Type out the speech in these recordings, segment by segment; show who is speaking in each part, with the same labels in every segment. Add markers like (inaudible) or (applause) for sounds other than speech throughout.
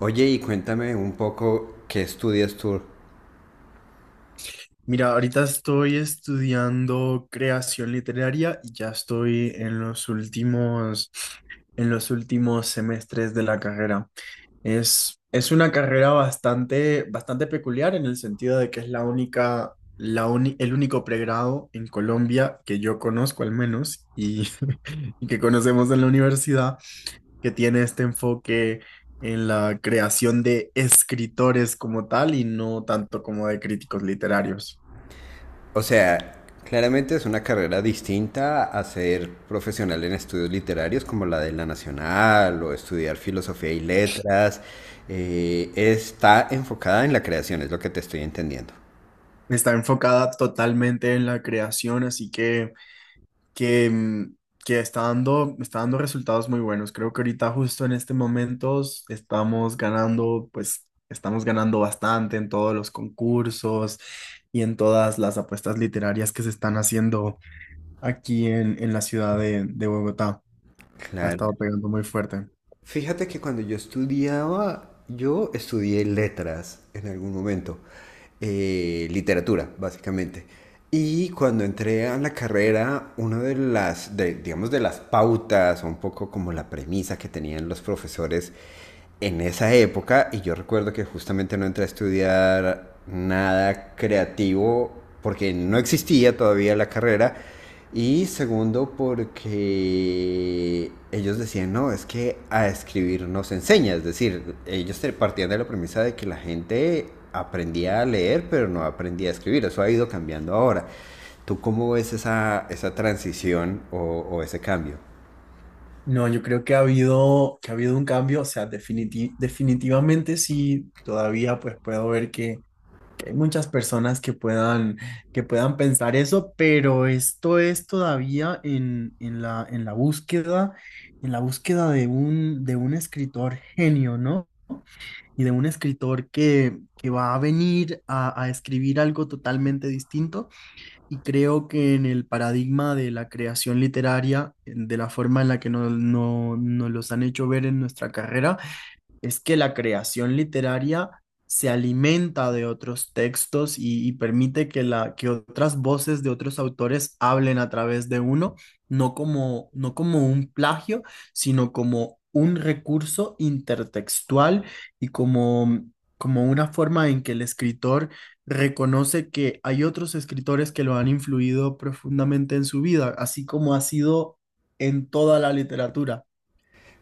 Speaker 1: Oye, y cuéntame un poco qué estudias tú.
Speaker 2: Mira, ahorita estoy estudiando creación literaria y ya estoy en los últimos semestres de la carrera. Es una carrera bastante peculiar en el sentido de que es la única, la uni- el único pregrado en Colombia que yo conozco al menos, y, (laughs) y que conocemos en la universidad que tiene este enfoque en la creación de escritores como tal y no tanto como de críticos literarios.
Speaker 1: O sea, claramente es una carrera distinta a ser profesional en estudios literarios como la de la Nacional o estudiar filosofía y letras. Está enfocada en la creación, es lo que te estoy entendiendo.
Speaker 2: Está enfocada totalmente en la creación, así que está dando resultados muy buenos. Creo que ahorita justo en este momento estamos ganando, pues estamos ganando bastante en todos los concursos y en todas las apuestas literarias que se están haciendo aquí en la ciudad de Bogotá. Ha
Speaker 1: Claro.
Speaker 2: estado pegando muy fuerte.
Speaker 1: Fíjate que cuando yo estudiaba, yo estudié letras en algún momento, literatura, básicamente. Y cuando entré a la carrera, una de las, de- digamos, de las pautas, o un poco como la premisa que tenían los profesores en esa época, y yo recuerdo que justamente no entré a estudiar nada creativo porque no existía todavía la carrera, y segundo, porque ellos decían, no, es que a escribir no se enseña. Es decir, partían de la premisa de que la gente aprendía a leer, pero no aprendía a escribir. Eso ha ido cambiando ahora. ¿Tú cómo ves esa transición o ese cambio?
Speaker 2: No, yo creo que ha habido un cambio, o sea, definitivamente sí. Todavía pues puedo ver que hay muchas personas que puedan pensar eso, pero esto es todavía en la búsqueda de un escritor genio, ¿no? Y de un escritor que va a venir a escribir algo totalmente distinto. Y creo que en el paradigma de la creación literaria, de la forma en la que nos, no- nos los han hecho ver en nuestra carrera, es que la creación literaria se alimenta de otros textos y permite que, que otras voces de otros autores hablen a través de uno, no como un plagio, sino como un recurso intertextual y como, como una forma en que el escritor reconoce que hay otros escritores que lo han influido profundamente en su vida, así como ha sido en toda la literatura,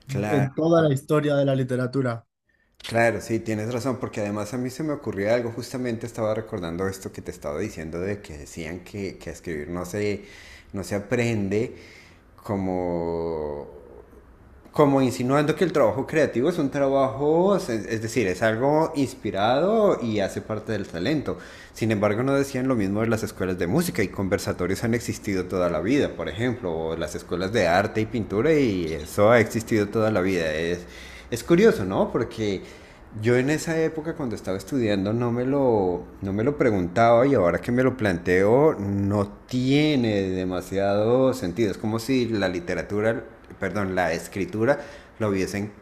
Speaker 1: Claro,
Speaker 2: en toda la historia de la literatura.
Speaker 1: claro, sí, tienes razón, porque además a mí se me ocurrió algo, justamente estaba recordando esto que te estaba diciendo de que decían que a escribir no se aprende como como insinuando que el trabajo creativo es un trabajo, es decir, es algo inspirado y hace parte del talento. Sin embargo, no decían lo mismo de las escuelas de música y conversatorios han existido toda la vida, por ejemplo, o las escuelas de arte y pintura y eso ha existido toda la vida. Es curioso, ¿no? Porque yo en esa época cuando estaba estudiando no me lo preguntaba y ahora que me lo planteo no tiene demasiado sentido. Es como si la literatura perdón, la escritura, lo hubiesen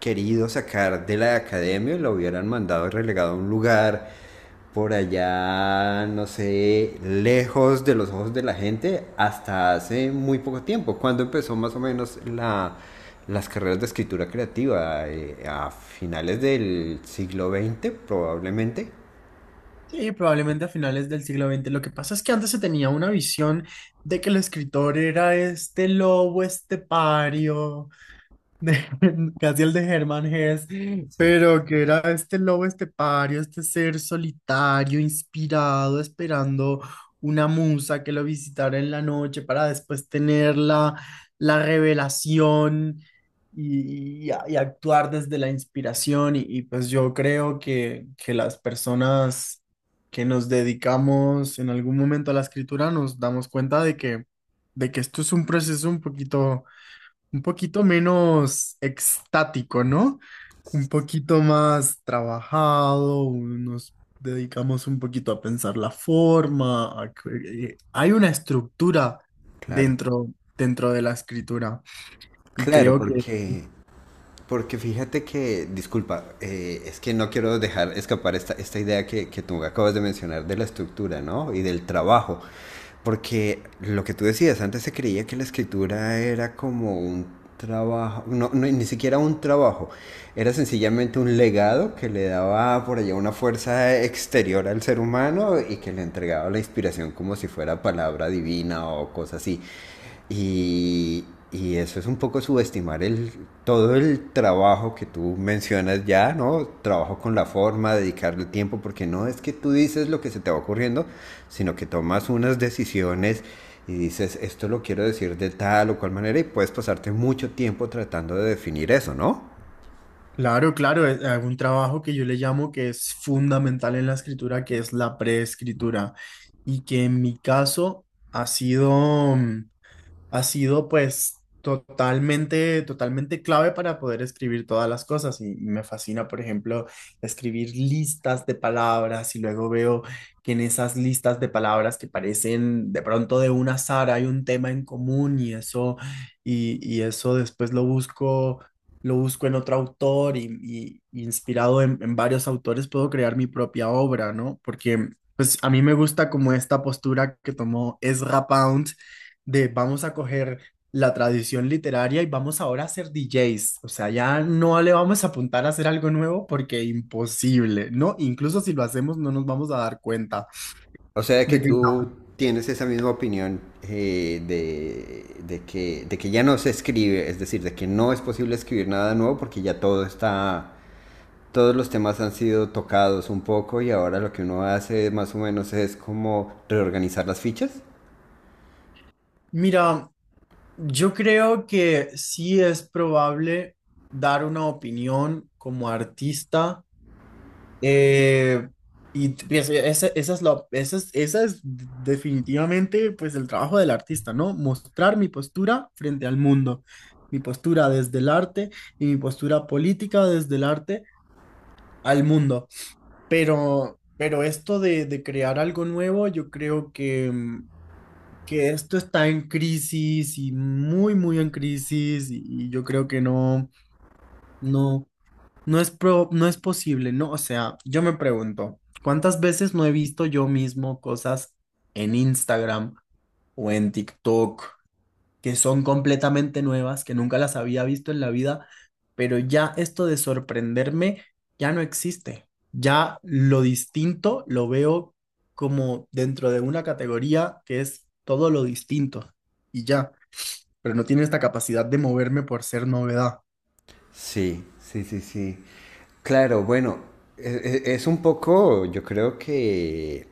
Speaker 1: querido sacar de la academia, y lo hubieran mandado relegado a un lugar por allá, no sé, lejos de los ojos de la gente, hasta hace muy poco tiempo, cuando empezó más o menos la, las carreras de escritura creativa, a finales del siglo XX probablemente.
Speaker 2: Sí, probablemente a finales del siglo veinte. Lo que pasa es que antes se tenía una visión de que el escritor era este lobo estepario de- (laughs) casi el de Herman Hesse,
Speaker 1: Sí,
Speaker 2: pero que era este lobo estepario, este ser solitario, inspirado, esperando una musa que lo visitara en la noche para después tener la revelación y, y actuar desde la inspiración. Y y pues yo creo que las personas que nos dedicamos en algún momento a la escritura nos damos cuenta de que esto es un proceso un poquito menos extático, ¿no? Un poquito más trabajado. Nos dedicamos un poquito a pensar la forma, hay una estructura
Speaker 1: claro.
Speaker 2: dentro, dentro de la escritura y
Speaker 1: Claro,
Speaker 2: creo que,
Speaker 1: porque porque fíjate que, disculpa, es que no quiero dejar escapar esta idea que tú acabas de mencionar de la estructura, ¿no? Y del trabajo. Porque lo que tú decías, antes se creía que la escritura era como un trabajo, no, ni siquiera un trabajo, era sencillamente un legado que le daba por allá una fuerza exterior al ser humano y que le entregaba la inspiración como si fuera palabra divina o cosa así. Y, y eso es un poco subestimar todo el trabajo que tú mencionas ya, ¿no? Trabajo con la forma, dedicarle tiempo, porque no es que tú dices lo que se te va ocurriendo, sino que tomas unas decisiones y dices, esto lo quiero decir de tal o cual manera y puedes pasarte mucho tiempo tratando de definir eso, ¿no?
Speaker 2: claro, claro, es hay un trabajo que yo le llamo que es fundamental en la escritura, que es la preescritura y que en mi caso ha sido... mm, ha sido pues totalmente clave para poder escribir todas las cosas y me fascina, por ejemplo, escribir listas de palabras y luego veo que en esas listas de palabras que parecen de pronto de un azar hay un tema en común y eso, y eso después lo busco. Lo busco en otro autor y, y inspirado en varios autores puedo crear mi propia obra, ¿no? Porque pues a mí me gusta como esta postura que tomó Ezra Pound de vamos a coger la tradición literaria y vamos ahora a ser DJs. O sea, ya no le vamos a apuntar a hacer algo nuevo porque imposible, ¿no? Incluso si lo hacemos no nos vamos a dar cuenta
Speaker 1: O sea que
Speaker 2: de que
Speaker 1: tú
Speaker 2: no.
Speaker 1: tienes esa misma opinión de que ya no se escribe, es decir, de que no es posible escribir nada nuevo porque ya todo está todos los temas han sido tocados un poco y ahora lo que uno hace más o menos es como reorganizar las fichas.
Speaker 2: Mira, yo creo que sí es probable dar una opinión como artista. Eh, y pues, esa, esa es la, esa es definitivamente pues el trabajo del artista, ¿no? Mostrar mi postura frente al mundo, mi postura desde el arte y mi postura política desde el arte al mundo. Pero esto de crear algo nuevo, yo creo que que esto está en crisis y muy en crisis, y yo creo que no. No es posible, ¿no? O sea, yo me pregunto, ¿cuántas veces no he visto yo mismo cosas en Instagram o en TikTok que son completamente nuevas, que nunca las había visto en la vida, pero ya esto de sorprenderme ya no existe. Ya lo distinto lo veo como dentro de una categoría que es todo lo distinto y ya, pero no tiene esta capacidad de moverme por ser novedad.
Speaker 1: Sí, sí, sí, sí. Claro, bueno, es un poco, yo creo que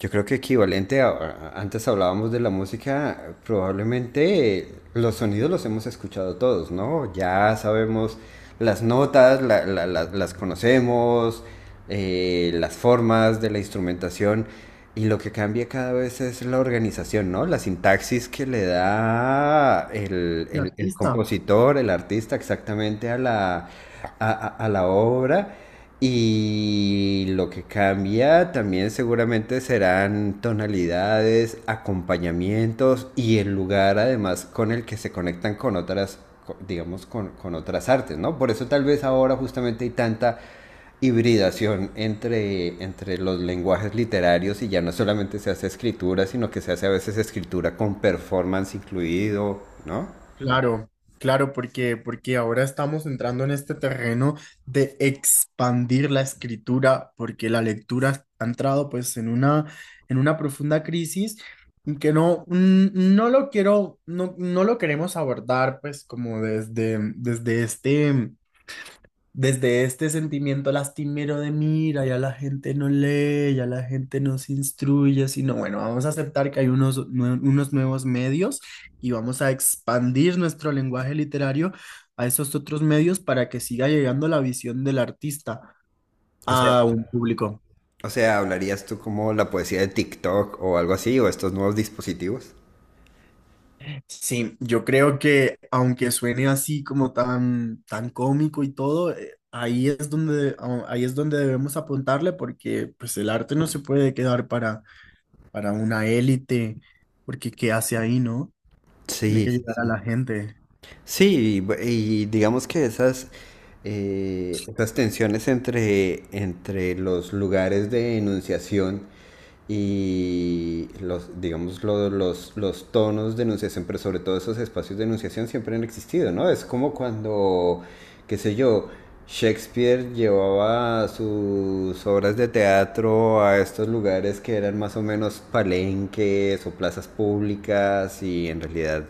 Speaker 1: yo creo que equivalente antes hablábamos de la música, probablemente los sonidos los hemos escuchado todos, ¿no? Ya sabemos las notas, las conocemos, las formas de la instrumentación y lo que cambia cada vez es la organización, ¿no? La sintaxis que le da
Speaker 2: Un
Speaker 1: el
Speaker 2: artista.
Speaker 1: compositor, el artista exactamente a la, a la obra. Y lo que cambia también seguramente serán tonalidades, acompañamientos y el lugar además con el que se conectan con otras, digamos, con otras artes, ¿no? Por eso tal vez ahora justamente hay tanta hibridación entre los lenguajes literarios y ya no solamente se hace escritura, sino que se hace a veces escritura con performance incluido, ¿no?
Speaker 2: Claro, claro, porque ahora estamos entrando en este terreno de expandir la escritura, porque la lectura ha entrado pues en una profunda crisis y que no lo queremos abordar pues como desde este sentimiento lastimero de mira, ya la gente no lee, ya la gente no se instruye, sino bueno, vamos a aceptar que hay unos, unos nuevos medios y vamos a expandir nuestro lenguaje literario a esos otros medios para que siga llegando la visión del artista
Speaker 1: O sea,
Speaker 2: a un público.
Speaker 1: o sea, ¿hablarías tú como la poesía de TikTok o algo así, o estos nuevos dispositivos?
Speaker 2: Sí, yo creo que aunque suene así como tan cómico y todo, ahí es donde, ahí es donde debemos apuntarle porque pues el arte no se puede quedar para una élite, porque ¿qué hace ahí, no? Tiene
Speaker 1: Sí,
Speaker 2: que
Speaker 1: sí,
Speaker 2: llegar
Speaker 1: sí.
Speaker 2: a la gente.
Speaker 1: Sí, y digamos que esas, esas tensiones entre los lugares de enunciación y los, digamos, los tonos de enunciación, pero sobre todo esos espacios de enunciación siempre han existido, ¿no? Es como cuando, qué sé yo, Shakespeare llevaba sus obras de teatro a estos lugares que eran más o menos palenques o plazas públicas y en realidad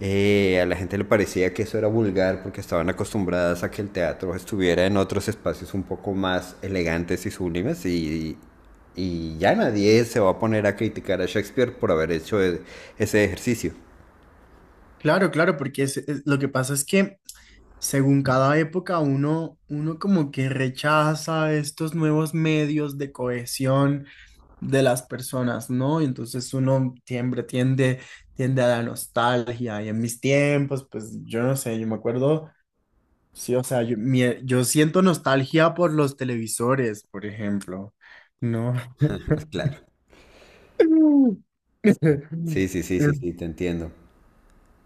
Speaker 1: a la gente le parecía que eso era vulgar porque estaban acostumbradas a que el teatro estuviera en otros espacios un poco más elegantes y sublimes y ya nadie se va a poner a criticar a Shakespeare por haber hecho ese ejercicio.
Speaker 2: Claro, claro, porque lo que pasa es que según cada época uno como que rechaza estos nuevos medios de cohesión de las personas, ¿no? Y entonces uno siempre tiende a la nostalgia. Y en mis tiempos, pues yo no sé, yo me acuerdo, sí, o sea, yo, yo siento nostalgia por los televisores, por ejemplo, ¿no?
Speaker 1: Claro.
Speaker 2: (laughs)
Speaker 1: Sí, sí, sí, sí, sí, te entiendo.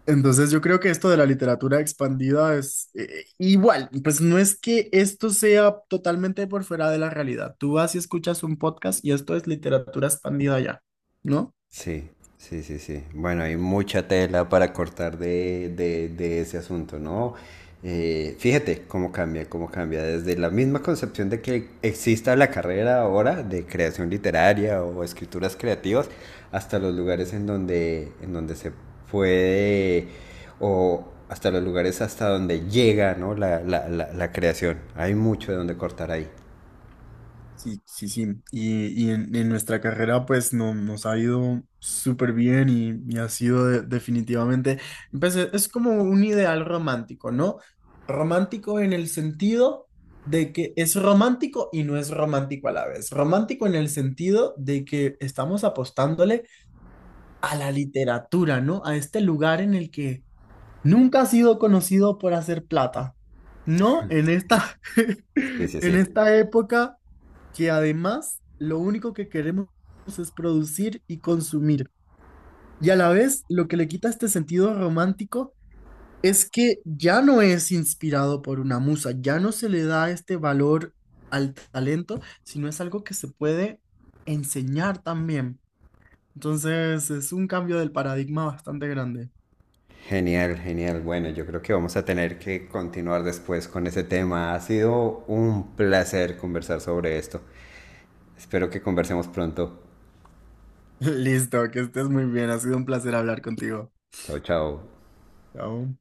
Speaker 2: Entonces yo creo que esto de la literatura expandida es igual, pues no es que esto sea totalmente por fuera de la realidad. Tú vas y escuchas un podcast y esto es literatura expandida ya, ¿no?
Speaker 1: Sí, sí, sí, sí. Bueno, hay mucha tela para cortar de ese asunto, ¿no? Fíjate cómo cambia, cómo cambia. Desde la misma concepción de que exista la carrera ahora de creación literaria o escrituras creativas, hasta los lugares en donde se puede, o hasta los lugares hasta donde llega, ¿no? La creación. Hay mucho de donde cortar ahí.
Speaker 2: Sí, sí, sí. Y, en nuestra carrera pues no, nos ha ido súper bien y ha sido definitivamente, pues, es como un ideal romántico, ¿no? Romántico en el sentido de que es romántico y no es romántico a la vez. Romántico en el sentido de que estamos apostándole a la literatura, ¿no? A este lugar en el que nunca ha sido conocido por hacer plata, ¿no? En esta, (laughs)
Speaker 1: Sí, sí,
Speaker 2: en
Speaker 1: sí.
Speaker 2: esta época que además lo único que queremos es producir y consumir. Y a la vez, lo que le quita este sentido romántico es que ya no es inspirado por una musa, ya no se le da este valor al talento, sino es algo que se puede enseñar también. Entonces, es un cambio del paradigma bastante grande.
Speaker 1: Genial, genial. Bueno, yo creo que vamos a tener que continuar después con ese tema. Ha sido un placer conversar sobre esto. Espero que conversemos pronto.
Speaker 2: (laughs) Listo, que estés muy bien, ha sido un placer hablar contigo.
Speaker 1: Chao, chao.
Speaker 2: Chao.